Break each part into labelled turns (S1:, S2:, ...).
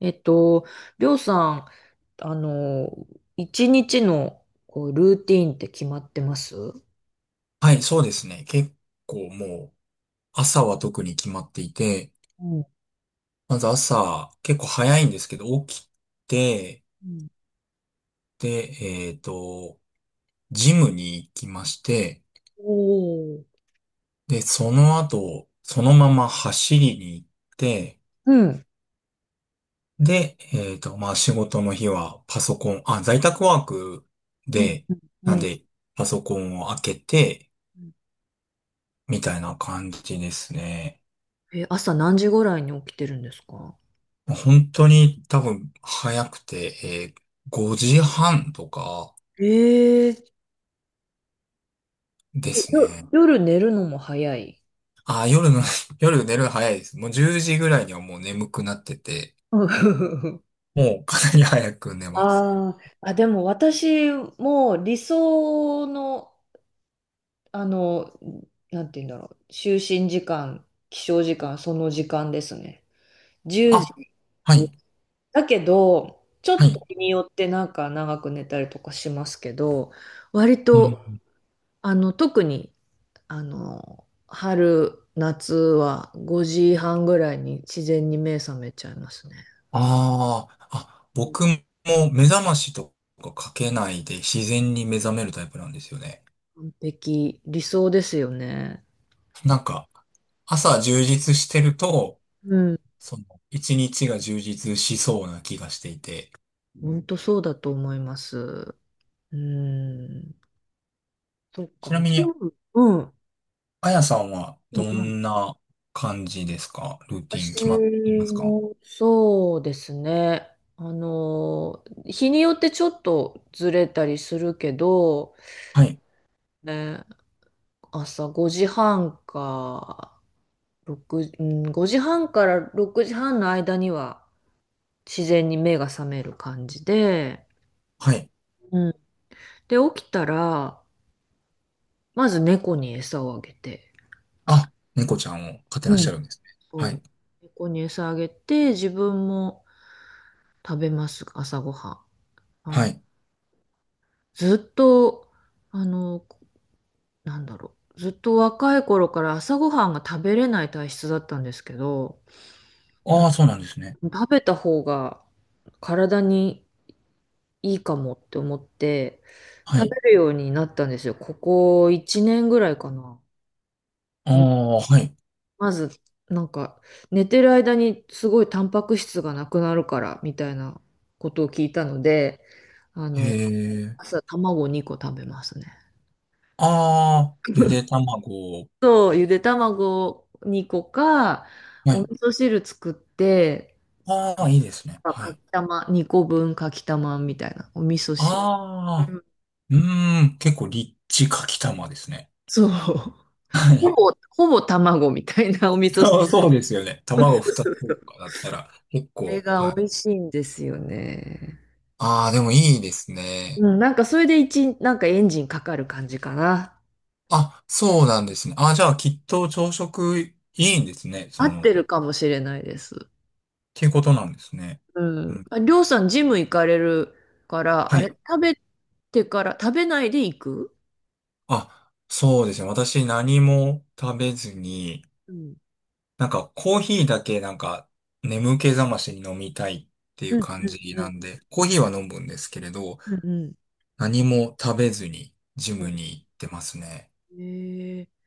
S1: えっと、りょうさん、あの、一日のこうルーティーンって決まってます？う
S2: はい、そうですね。結構もう、朝は特に決まっていて、
S1: ん。
S2: まず朝、結構早いんですけど、起きて、
S1: うん。
S2: で、えっと、ジムに行きまして、
S1: おー。
S2: で、その後、そのまま走りに行って、
S1: うん。
S2: で、まあ仕事の日はパソコン、あ、在宅ワーク
S1: うん。
S2: で、
S1: う
S2: なん
S1: ん。
S2: で、パソコンを開けて、
S1: うん。
S2: みたいな感じですね。
S1: え、朝何時ぐらいに起きてるんですか？
S2: 本当に多分早くて、5時半とか
S1: ええ。
S2: で
S1: え、
S2: すね。
S1: 夜寝るのも早い？
S2: あー、夜の 夜寝るの早いです。もう10時ぐらいにはもう眠くなってて、もうかなり早く寝ます。
S1: あーあ、でも私も理想の、あの、なんて言うんだろう、就寝時間、起床時間、その時間ですね。1時
S2: あ、はい、
S1: だけど、ちょ
S2: は
S1: っと
S2: い。
S1: 日によってなんか長く寝たりとかしますけど、割
S2: うん。
S1: と、特に、春、夏は5時半ぐらいに自然に目覚めちゃいますね。
S2: あああ、僕も目覚ましとかかけないで自然に目覚めるタイプなんですよね。
S1: 完璧、理想ですよね。
S2: なんか、朝充実してると、
S1: うん。
S2: その、一日が充実しそうな気がしていて、
S1: 本当そうだと思います。うん。そっか、
S2: ちなみ
S1: ジ
S2: に、
S1: ム、うん。
S2: あやさんは
S1: う
S2: ど
S1: ん。うん。
S2: んな感じですか？ルーティン
S1: 私
S2: 決まっていますか？
S1: もそうですね。日によってちょっとずれたりするけど、
S2: はい。
S1: ね、朝5時半か、6、うん、5時半から6時半の間には自然に目が覚める感じで、
S2: はい。
S1: うん、で、起きたら、まず猫に餌をあげて、
S2: あ、猫ちゃんを飼って
S1: う
S2: らっしゃ
S1: ん。
S2: るんですね。は
S1: そ
S2: い。
S1: う、猫に餌あげて、自分も食べます、朝ごはん。あ
S2: は
S1: の、
S2: い。
S1: ずっと、あの、なんだろう。ずっと若い頃から朝ごはんが食べれない体質だったんですけど、
S2: あ
S1: な
S2: あ、そうなんですね。
S1: 食べた方が体にいいかもって思って、
S2: は
S1: 食べ
S2: い。
S1: るようになったんですよ。ここ1年ぐらいかな。
S2: あ
S1: うん。
S2: あ、はい。
S1: まず、なんか、寝てる間にすごいタンパク質がなくなるから、みたいなことを聞いたので、あ
S2: へ
S1: の、
S2: え。
S1: 朝卵2個食べますね。
S2: ああ、ゆ で卵。
S1: そう、ゆで卵2個か、
S2: は
S1: お味
S2: い。
S1: 噌汁作って、
S2: ああ、いいですね。
S1: あ
S2: は
S1: かき
S2: い。
S1: たま、2個分かきたまみたいな、お味噌汁。う
S2: ああ、
S1: ん。
S2: うーん、結構リッチかきたまですね。
S1: そう。
S2: は
S1: ほ
S2: い。
S1: ぼ、ほぼ卵みたいな お味 噌
S2: あ
S1: 汁。
S2: あ、そうですよね。卵2つと かだったら結
S1: これ
S2: 構、
S1: が
S2: は
S1: 美
S2: い。
S1: 味しいんですよね。
S2: ああ、でもいいですね。
S1: うん、なんかそれでなんかエンジンかかる感じかな。
S2: あ、そうなんですね。あ、じゃあ、きっと朝食いいんですね。そ
S1: 合っ
S2: の、っ
S1: てるかもしれないです。
S2: ていうことなんですね。
S1: う
S2: う
S1: ん。
S2: ん。
S1: あ、りょうさん、ジム行かれるから、
S2: は
S1: あれ、
S2: い。
S1: 食べてから、食べないで行く？
S2: あ、そうですね。私何も食べずに、
S1: うん。
S2: なんかコーヒーだけなんか眠気覚ましに飲みたいっていう
S1: うん、
S2: 感じ
S1: う
S2: な
S1: ん、
S2: んで、コーヒーは飲むんですけれど、
S1: うん。うん。
S2: 何も食べずにジムに行ってますね。
S1: えー、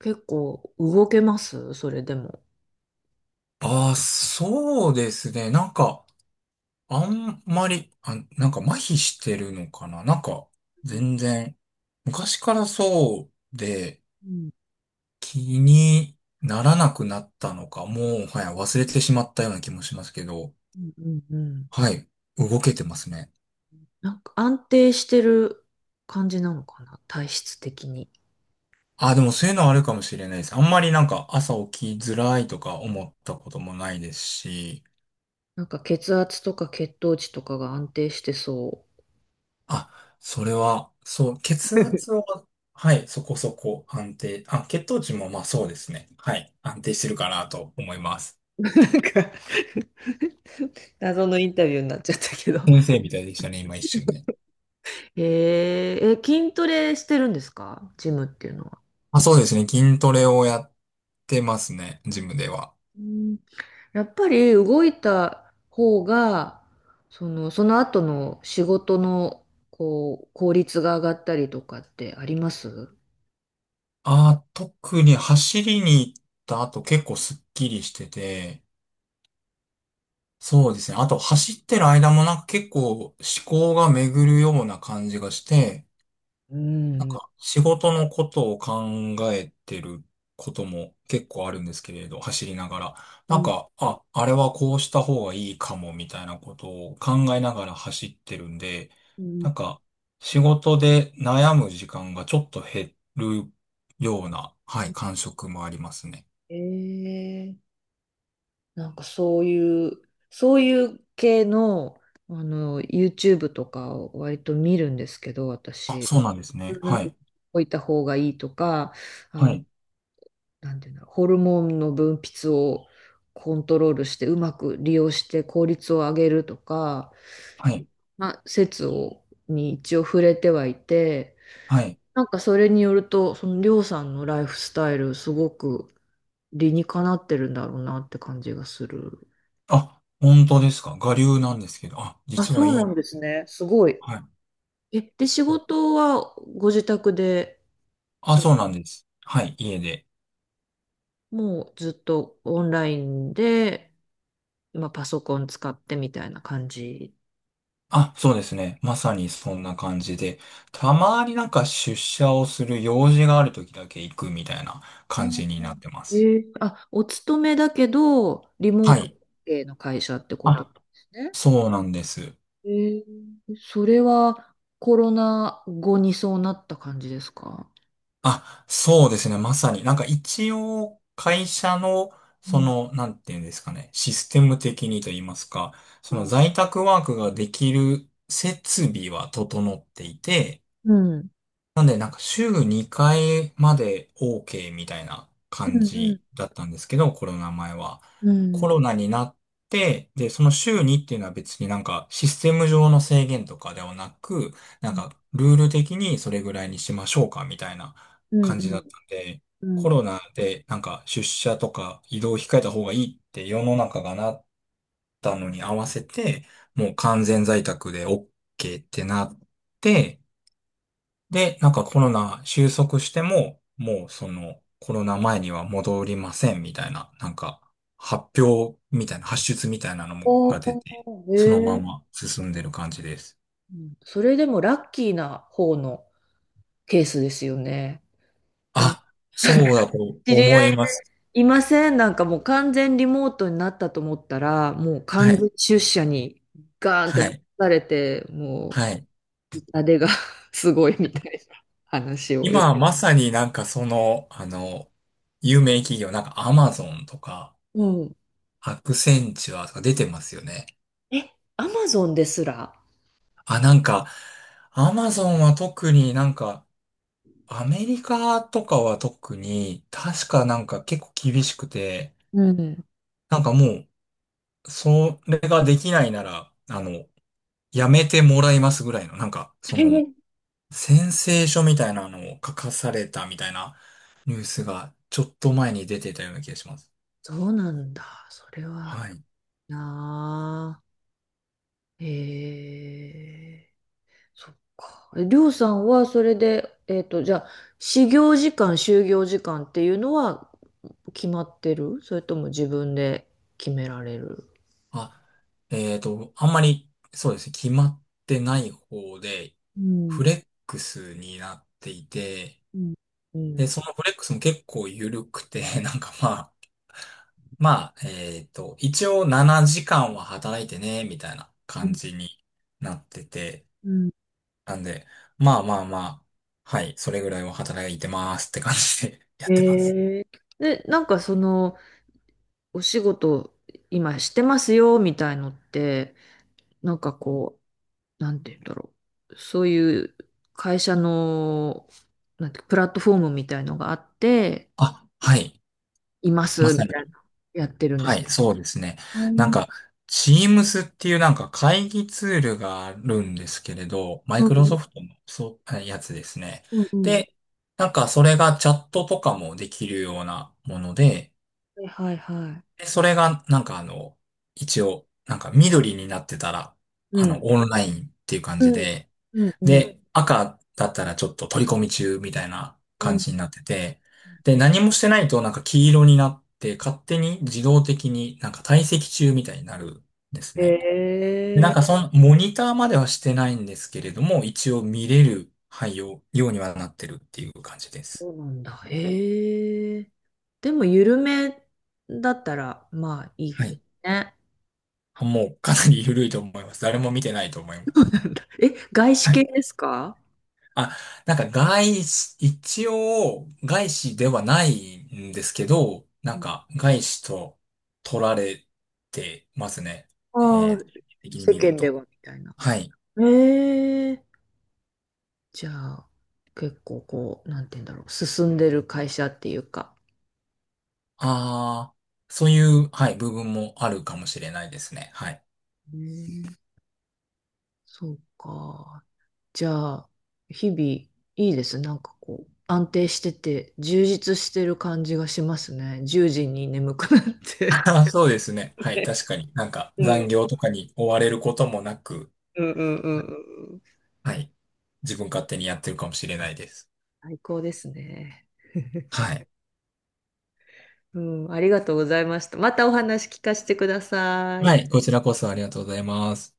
S1: 結構動けますそれでも。
S2: ああ、そうですね。なんか、あんまり、あ、なんか麻痺してるのかな。なんか、
S1: うん。
S2: 全然。昔からそうで
S1: うん。
S2: 気にならなくなったのか、もう、はい、忘れてしまったような気もしますけど、
S1: うん。うん。
S2: はい、動けてますね。
S1: なんか安定してる感じなのかな、体質的に。
S2: あ、でもそういうのはあるかもしれないです。あんまりなんか朝起きづらいとか思ったこともないですし、
S1: なんか血圧とか血糖値とかが安定してそ
S2: あ、それは、そう、血
S1: う。
S2: 圧 は、はい、そこそこ安定、あ、血糖値もまあそうですね。はい、安定してるかなと思います。
S1: なんか謎のインタビューになっちゃったけど。
S2: 先生みたいでしたね、今一瞬ね。
S1: へええ、筋トレしてるんですか、ジムっていうのは。
S2: まあ、そうですね。筋トレをやってますね。ジムでは。
S1: やっぱり動いた方が、その後の仕事の、こう、効率が上がったりとかってあります？
S2: あ、特に走りに行った後結構スッキリしてて、そうですね。あと走ってる間もなんか結構思考が巡るような感じがして、
S1: う
S2: なん
S1: ん。
S2: か仕事のことを考えてることも結構あるんですけれど、走りながら。
S1: う
S2: なん
S1: ん。
S2: か、あ、あれはこうした方がいいかもみたいなことを考えながら走ってるんで、
S1: うん。
S2: なんか仕事で悩む時間がちょっと減るような、はい、感触もありますね。
S1: えー、なんかそういう系の、YouTube とかを割と見るんですけど、
S2: あ、
S1: 私。
S2: そうなんですね。
S1: うん、
S2: はい。
S1: 置いた方がいいとか、あ
S2: は
S1: の
S2: い。
S1: なんていうんだろう、ホルモンの分泌をコントロールしてうまく利用して効率を上げるとか、
S2: はい。
S1: まあ、説をに一応触れてはいて、
S2: はい。
S1: なんかそれによると、そのりょうさんのライフスタイル、すごく理にかなってるんだろうなって感じがする。
S2: あ、本当ですか？我流なんですけど。あ、
S1: あ、
S2: 実は
S1: そう
S2: い
S1: なん
S2: い。
S1: ですね。すごい。
S2: はい。
S1: え、で、仕事はご自宅で、
S2: あ、
S1: そ
S2: そうなんです。はい、家で。
S1: もうずっとオンラインで、まあ、パソコン使ってみたいな感じ？
S2: あ、そうですね。まさにそんな感じで、たまになんか出社をする用事がある時だけ行くみたいな
S1: う
S2: 感
S1: ん。
S2: じになってま
S1: え
S2: す。
S1: あ、お勤めだけど、リモ
S2: は
S1: ート
S2: い。
S1: 系の会社ってことで
S2: あ、
S1: すね。
S2: そうなんです。
S1: えー、それはコロナ後にそうなった感じですか？
S2: あ、そうですね。まさに。なんか一応会社の、
S1: う
S2: そ
S1: ん。
S2: の、なんていうんですかね。システム的にと言いますか、そ
S1: う
S2: の
S1: ん。
S2: 在宅ワークができる設備は整っていて、
S1: うん。
S2: なんで、なんか週2回まで OK みたいな
S1: う
S2: 感
S1: ん。う
S2: じ
S1: ん。
S2: だったんですけど、コロナ前は。
S1: う
S2: コロ
S1: ん。
S2: ナになって、で、その週2っていうのは別になんかシステム上の制限とかではなく、なんかルール的にそれぐらいにしましょうかみたいな
S1: う
S2: 感じだっ
S1: ん。
S2: たんで、
S1: う
S2: コ
S1: ん。
S2: ロナでなんか出社とか移動を控えた方がいいって世の中がなったのに合わせて、もう完全在宅で OK ってなって、で、なんかコロナ収束しても、もうそのコロナ前には戻りませんみたいな、なんか発表みたいな、発出みたいなのも
S1: お
S2: が出て、
S1: ー、
S2: そのま
S1: えー。
S2: ま進んでる感じです。
S1: うん、それでもラッキーな方のケースですよね。なんか
S2: あ、そうだと
S1: 知り
S2: 思
S1: 合い
S2: います。
S1: いません。なんかもう完全リモートになったと思ったら、もう
S2: は
S1: 完
S2: い、
S1: 全出社にガーンって
S2: は
S1: 持
S2: い、
S1: たれて、も
S2: はい。
S1: う痛手が すごいみたいな話をよ。
S2: 今まさになんかその、有名企業、なんかアマゾンとか、
S1: うん。
S2: アクセンチュアとか出てますよね。
S1: え、アマゾンですら。
S2: あ、なんか、アマゾンは特になんか、アメリカとかは特に、確かなんか結構厳しくて、
S1: うん。
S2: なんかもう、それができないなら、やめてもらいますぐらいの、なんか、そ
S1: え
S2: の、
S1: ー
S2: 宣誓書みたいなのを書かされたみたいなニュースが、ちょっと前に出てたような気がします。
S1: そうなんだ。それは
S2: はい。
S1: なあ。へえー、そっか。りょうさんはそれで、じゃあ、始業時間、就業時間っていうのは決まってる？それとも自分で決められる？
S2: あ、あんまり、そうですね、決まってない方で、
S1: うん、
S2: フレックスになっていて、
S1: うん、う
S2: で、
S1: ん。
S2: そのフレックスも結構緩くて、なんかまあ、まあ、一応7時間は働いてね、みたいな
S1: う
S2: 感
S1: ん、
S2: じになってて、
S1: うん。
S2: なんで、まあまあまあ、はい、それぐらいは働いてますって感じで やってます。
S1: へえ。で、なんかお仕事今してますよ、みたいのって、なんかこう、なんて言うんだろう。そういう会社の、なんて、プラットフォームみたいのがあって、
S2: あ、はい、
S1: いま
S2: ま
S1: す、み
S2: さに。
S1: たいな、やってるんで
S2: は
S1: す？
S2: い、そうですね。
S1: あ
S2: なん
S1: ー。
S2: か、Teams っていうなんか会議ツールがあるんですけれど、マイ
S1: うん、
S2: クロ
S1: う
S2: ソ
S1: ん、
S2: フトのそう、やつですね。
S1: うん。
S2: で、なんかそれがチャットとかもできるようなもので、
S1: うん、はいはいは
S2: でそれが、一応、なんか緑になってたら、
S1: い。
S2: オンラインっていう感
S1: う
S2: じ
S1: ん、
S2: で、
S1: うん、うん、
S2: で、赤だったらちょっと取り込み中みたいな
S1: う
S2: 感
S1: ん。
S2: じになってて、で、何もしてないとなんか黄色になって、勝手に自動的になんか退席中みたいになるんですね。
S1: え
S2: で、なん
S1: え、
S2: かその、モニターまではしてないんですけれども、一応見れる配用、ようにはなってるっていう感じです。
S1: そうなんだ。ええ。でも、緩めだったら、まあ、い
S2: は
S1: い
S2: い。
S1: ね。
S2: もうかなり緩いと思います。誰も見てないと思います。
S1: え、外資
S2: は
S1: 系
S2: い。
S1: ですか？
S2: あ、なんか外資、一応外資ではないんですけど、なんか外資と取られてますね。
S1: ああ、
S2: 的に
S1: 世
S2: 見る
S1: 間で
S2: と。
S1: はみたいな。
S2: はい。
S1: ええ。じゃあ、結構こう、なんて言うんだろう。進んでる会社っていうか。
S2: ああ、そういう、はい、部分もあるかもしれないですね。はい。
S1: うん。そうか。じゃあ、日々いいです？なんかこう、安定してて、充実してる感じがしますね。10時に眠くなっ て。
S2: あーそうですね。はい、確かに。なんか
S1: う
S2: 残
S1: ん、
S2: 業とかに追われることもなく、
S1: うん、うん、うん。うん。
S2: はい。自分勝手にやってるかもしれないです。
S1: 最高ですね。
S2: はい。
S1: うん、ありがとうございました。またお話聞かせてくださ
S2: は
S1: い。
S2: い、こちらこそありがとうございます。